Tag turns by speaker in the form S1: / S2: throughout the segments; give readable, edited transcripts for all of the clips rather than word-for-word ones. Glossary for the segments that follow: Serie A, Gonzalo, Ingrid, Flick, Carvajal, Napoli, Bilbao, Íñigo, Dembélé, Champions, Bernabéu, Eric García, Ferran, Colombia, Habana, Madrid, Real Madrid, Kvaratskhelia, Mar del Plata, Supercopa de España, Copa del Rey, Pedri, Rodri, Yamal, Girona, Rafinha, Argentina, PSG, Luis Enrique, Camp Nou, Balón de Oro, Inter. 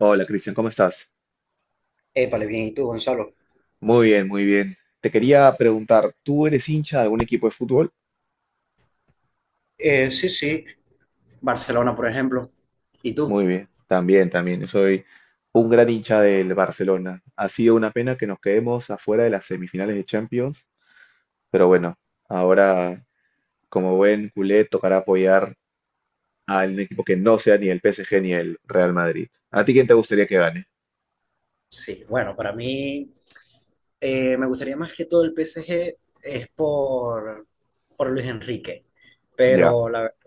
S1: Hola Cristian, ¿cómo estás?
S2: Épale, bien, ¿y tú, Gonzalo?
S1: Muy bien, muy bien. Te quería preguntar, ¿tú eres hincha de algún equipo de fútbol?
S2: Sí, sí, Barcelona, por ejemplo. ¿Y tú?
S1: Muy bien, también. Yo soy un gran hincha del Barcelona. Ha sido una pena que nos quedemos afuera de las semifinales de Champions, pero bueno, ahora como buen culé tocará apoyar a un equipo que no sea ni el PSG ni el Real Madrid. ¿A ti quién te gustaría que gane?
S2: Sí, bueno, para mí me gustaría más que todo el PSG, es por Luis Enrique,
S1: Ya.
S2: pero la verdad,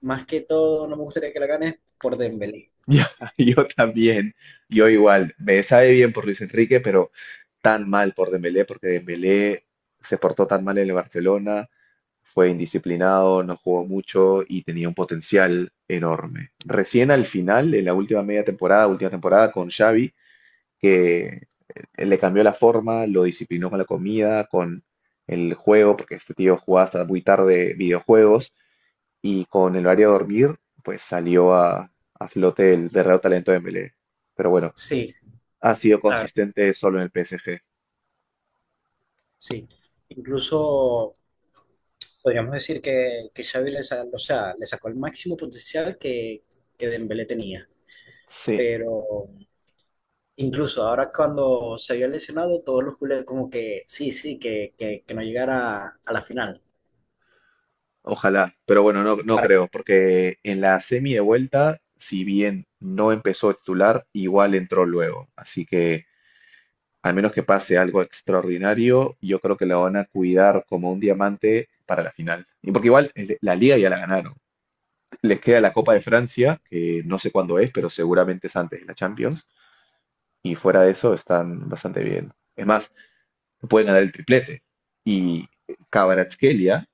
S2: más que todo no me gustaría que la ganes por Dembélé.
S1: Yo, yo también, yo igual. Me sabe bien por Luis Enrique, pero tan mal por Dembélé, porque Dembélé se portó tan mal en el Barcelona, fue indisciplinado, no jugó mucho y tenía un potencial enorme. Recién al final, en la última media temporada, última temporada con Xavi, que le cambió la forma, lo disciplinó con la comida, con el juego, porque este tío jugaba hasta muy tarde videojuegos y con el área de dormir, pues salió a flote el verdadero talento de Dembélé. Pero bueno,
S2: Sí, sí,
S1: ha sido
S2: la verdad,
S1: consistente solo en el PSG.
S2: sí. Incluso podríamos decir que Xavi o sea, le sacó el máximo potencial que Dembélé tenía,
S1: Sí,
S2: pero incluso ahora cuando se había lesionado, todos los culés como que sí, sí, que no llegara a la final.
S1: ojalá. Pero bueno, no, no
S2: Para que,
S1: creo, porque en la semi de vuelta, si bien no empezó titular, igual entró luego. Así que, al menos que pase algo extraordinario, yo creo que la van a cuidar como un diamante para la final. Y porque igual la liga ya la ganaron. Les queda la Copa de
S2: sí,
S1: Francia, que no sé cuándo es, pero seguramente es antes de la Champions. Y fuera de eso están bastante bien. Es más, pueden ganar el triplete. Y Kvaratskhelia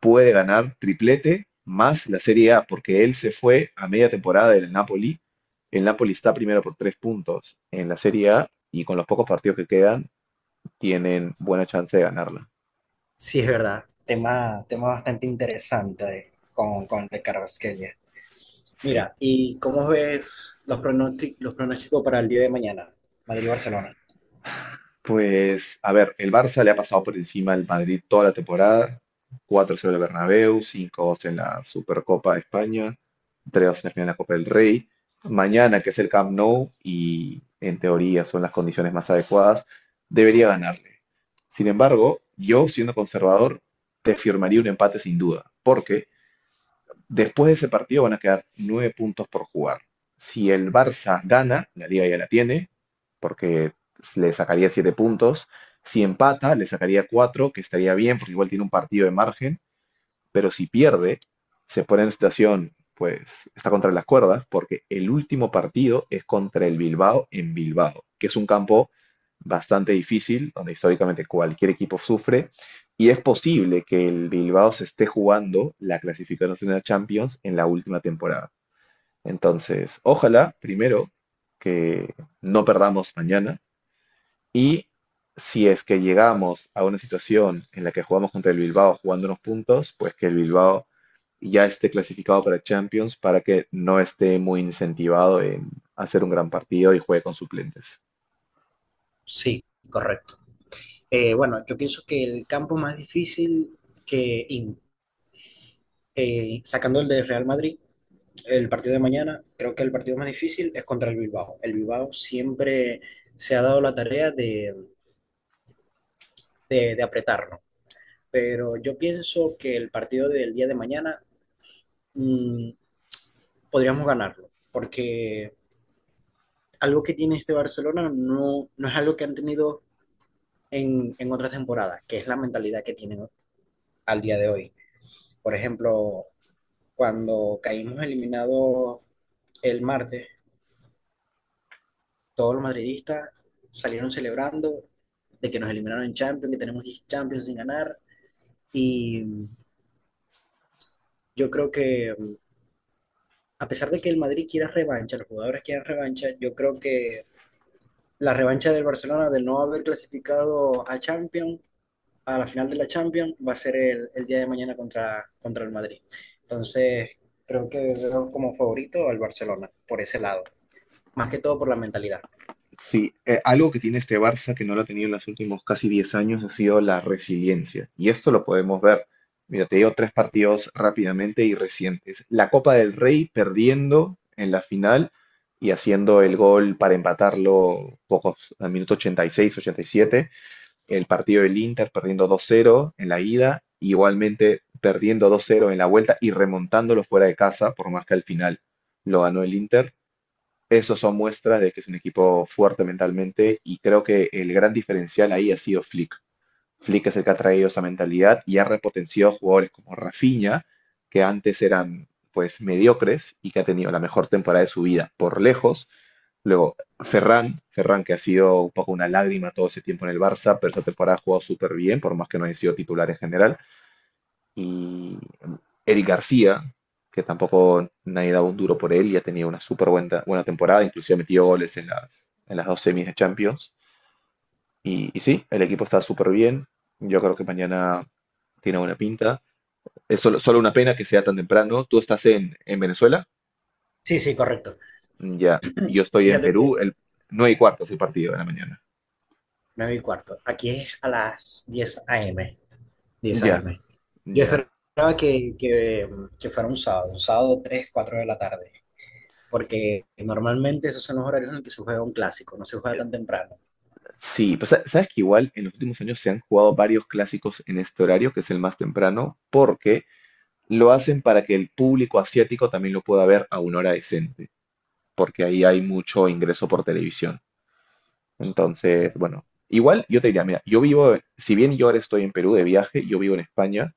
S1: puede ganar triplete más la Serie A, porque él se fue a media temporada del Napoli. El Napoli está primero por 3 puntos en la Serie A y con los pocos partidos que quedan tienen buena chance de ganarla.
S2: sí, es verdad. Tema bastante interesante con el de Carvajal.
S1: Sí,
S2: Mira, ¿y cómo ves los pronósticos para el día de mañana? Madrid-Barcelona.
S1: pues, a ver, el Barça le ha pasado por encima al Madrid toda la temporada. Cuatro 0 en el Bernabéu, cinco 2 en la Supercopa de España, tres 2 en la final de la Copa del Rey. Mañana, que es el Camp Nou, y en teoría son las condiciones más adecuadas, debería ganarle. Sin embargo, yo, siendo conservador, te firmaría un empate sin duda, porque después de ese partido van a quedar 9 puntos por jugar. Si el Barça gana, la liga ya la tiene, porque le sacaría 7 puntos. Si empata, le sacaría cuatro, que estaría bien, porque igual tiene un partido de margen. Pero si pierde, se pone en situación, pues está contra las cuerdas, porque el último partido es contra el Bilbao en Bilbao, que es un campo bastante difícil, donde históricamente cualquier equipo sufre, y es posible que el Bilbao se esté jugando la clasificación de la Champions en la última temporada. Entonces, ojalá, primero, que no perdamos mañana, y si es que llegamos a una situación en la que jugamos contra el Bilbao jugando unos puntos, pues que el Bilbao ya esté clasificado para Champions para que no esté muy incentivado en hacer un gran partido y juegue con suplentes.
S2: Sí, correcto. Bueno, yo pienso que el campo más difícil que, in- sacando el de Real Madrid, el partido de mañana, creo que el partido más difícil es contra el Bilbao. El Bilbao siempre se ha dado la tarea de apretarlo, pero yo pienso que el partido del día de mañana mm, podríamos ganarlo, porque algo que tiene este Barcelona, no, no es algo que han tenido en otras temporadas, que es la mentalidad que tienen al día de hoy. Por ejemplo, cuando caímos eliminados el martes, todos los madridistas salieron celebrando de que nos eliminaron en Champions, que tenemos 10 Champions sin ganar. Y yo creo que, a pesar de que el Madrid quiera revancha, los jugadores quieran revancha, yo creo que la revancha del Barcelona de no haber clasificado a Champions, a la final de la Champions, va a ser el día de mañana contra el Madrid. Entonces, creo que veo como favorito al Barcelona, por ese lado, más que todo por la mentalidad.
S1: Sí, algo que tiene este Barça que no lo ha tenido en los últimos casi 10 años ha sido la resiliencia. Y esto lo podemos ver. Mira, te digo tres partidos rápidamente y recientes. La Copa del Rey perdiendo en la final y haciendo el gol para empatarlo pocos, al minuto 86, 87. El partido del Inter perdiendo 2-0 en la ida, igualmente perdiendo 2-0 en la vuelta y remontándolo fuera de casa, por más que al final lo ganó el Inter. Eso son muestras de que es un equipo fuerte mentalmente y creo que el gran diferencial ahí ha sido Flick. Flick es el que ha traído esa mentalidad y ha repotenciado jugadores como Rafinha, que antes eran pues mediocres y que ha tenido la mejor temporada de su vida por lejos. Luego Ferran, Ferran que ha sido un poco una lágrima todo ese tiempo en el Barça, pero esta temporada ha jugado súper bien, por más que no haya sido titular en general, y Eric García, que tampoco nadie daba un duro por él, ya tenía una súper buena, buena temporada, inclusive metió goles en en las dos semis de Champions. Y sí, el equipo está súper bien. Yo creo que mañana tiene buena pinta. Es solo una pena que sea tan temprano. Tú estás en Venezuela,
S2: Sí, sí, correcto.
S1: ya. Y yo estoy en
S2: Fíjate
S1: Perú,
S2: que
S1: el 9 y cuarto es el partido de la mañana.
S2: 9 y cuarto. Aquí es a las diez a m diez a
S1: Ya,
S2: m Yo
S1: ya.
S2: esperaba que fuera un sábado, 3 4 de la tarde, porque normalmente esos son los horarios en los que se juega un clásico, no se juega tan temprano.
S1: Sí, pues sabes que igual en los últimos años se han jugado varios clásicos en este horario, que es el más temprano, porque lo hacen para que el público asiático también lo pueda ver a una hora decente, porque ahí hay mucho ingreso por televisión. Entonces,
S2: Ah,
S1: bueno, igual yo te diría, mira, yo vivo, si bien yo ahora estoy en Perú de viaje, yo vivo en España,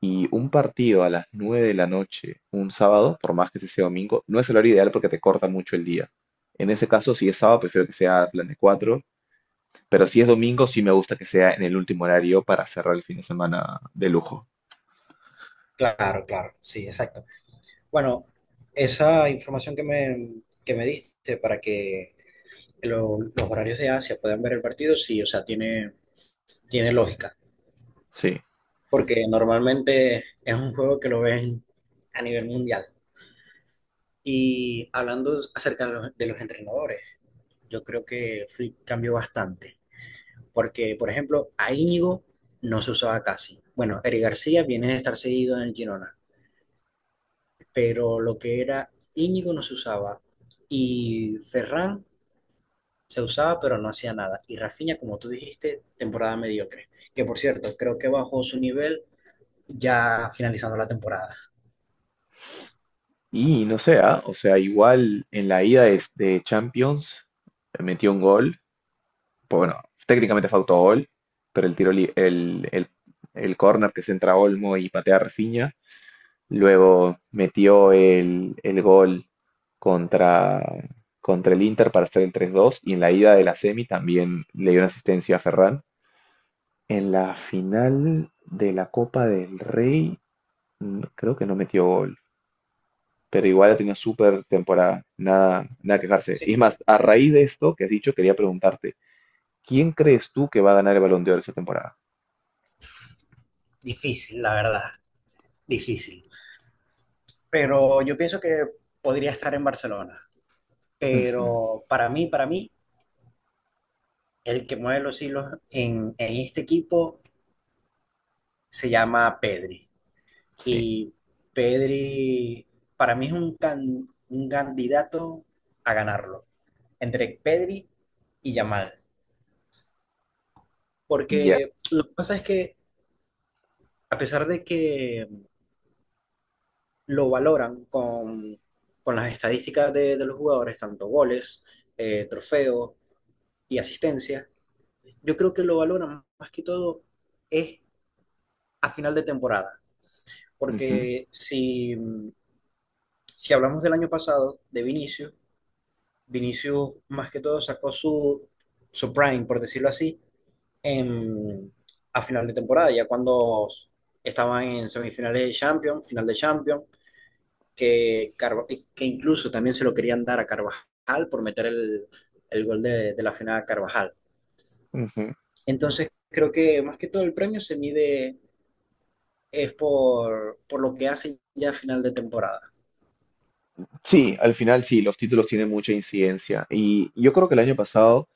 S1: y un partido a las 9 de la noche, un sábado, por más que ese sea domingo, no es el horario ideal porque te corta mucho el día. En ese caso, si es sábado, prefiero que sea plan de cuatro, pero si es domingo, sí me gusta que sea en el último horario para cerrar el fin de semana de lujo.
S2: claro, claro, sí, exacto. Bueno, esa información que me diste para que los horarios de Asia puedan ver el partido, sí, o sea, tiene lógica,
S1: Sí.
S2: porque normalmente es un juego que lo ven a nivel mundial. Y hablando acerca de los entrenadores, yo creo que Flick cambió bastante, porque, por ejemplo, a Íñigo no se usaba casi. Bueno, Eric García viene de estar seguido en el Girona, pero lo que era Íñigo no se usaba, y Ferran se usaba pero no hacía nada. Y Rafinha, como tú dijiste, temporada mediocre, que por cierto, creo que bajó su nivel ya finalizando la temporada.
S1: Y no sé, ah, o sea, igual en la ida de Champions metió un gol. Pues bueno, técnicamente fue autogol, pero el tiro, el córner que centra Olmo y patea Rafinha. Luego metió el gol contra, contra el Inter para hacer el 3-2. Y en la ida de la semi también le dio una asistencia a Ferran. En la final de la Copa del Rey, creo que no metió gol. Pero igual ha tenido súper temporada, nada, nada quejarse. Y es
S2: Sí,
S1: más, a raíz de esto que has dicho, quería preguntarte, ¿quién crees tú que va a ganar el Balón de Oro esta temporada?
S2: difícil, la verdad, difícil. Pero yo pienso que podría estar en Barcelona.
S1: Ujú.
S2: Pero para mí, el que mueve los hilos en este equipo se llama Pedri.
S1: Sí,
S2: Y Pedri, para mí, es un candidato a ganarlo, entre Pedri y Yamal.
S1: ya.
S2: Porque lo que pasa es que, a pesar de que lo valoran con las estadísticas de los jugadores, tanto goles, trofeos y asistencia, yo creo que lo valoran más que todo es a final de temporada.
S1: Ujú,
S2: Porque si hablamos del año pasado, de Vinicius, Vinicius más que todo sacó su prime, por decirlo así, en, a final de temporada, ya cuando estaban en semifinales de Champions, final de Champions, que incluso también se lo querían dar a Carvajal por meter el gol de la final a Carvajal.
S1: ujú.
S2: Entonces creo que más que todo el premio se mide es por lo que hacen ya a final de temporada.
S1: Sí, al final sí, los títulos tienen mucha incidencia. Y yo creo que el año pasado,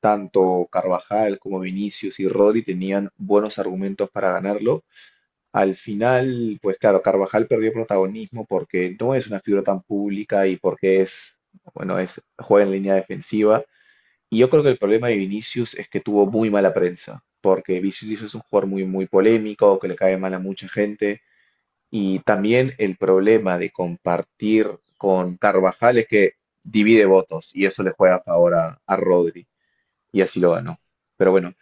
S1: tanto Carvajal como Vinicius y Rodri tenían buenos argumentos para ganarlo. Al final, pues claro, Carvajal perdió protagonismo porque no es una figura tan pública y porque es, bueno, es, juega en línea defensiva. Y yo creo que el problema de Vinicius es que tuvo muy mala prensa, porque Vinicius es un jugador muy, muy polémico, que le cae mal a mucha gente. Y también el problema de compartir con Carvajal es que divide votos y eso le juega a favor a Rodri y así lo ganó. Pero bueno,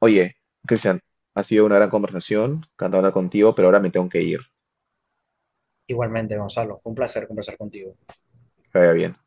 S1: oye, Cristian, ha sido una gran conversación, encantado de hablar contigo, pero ahora me tengo que ir.
S2: Igualmente, Gonzalo, fue un placer conversar contigo.
S1: Que vaya bien.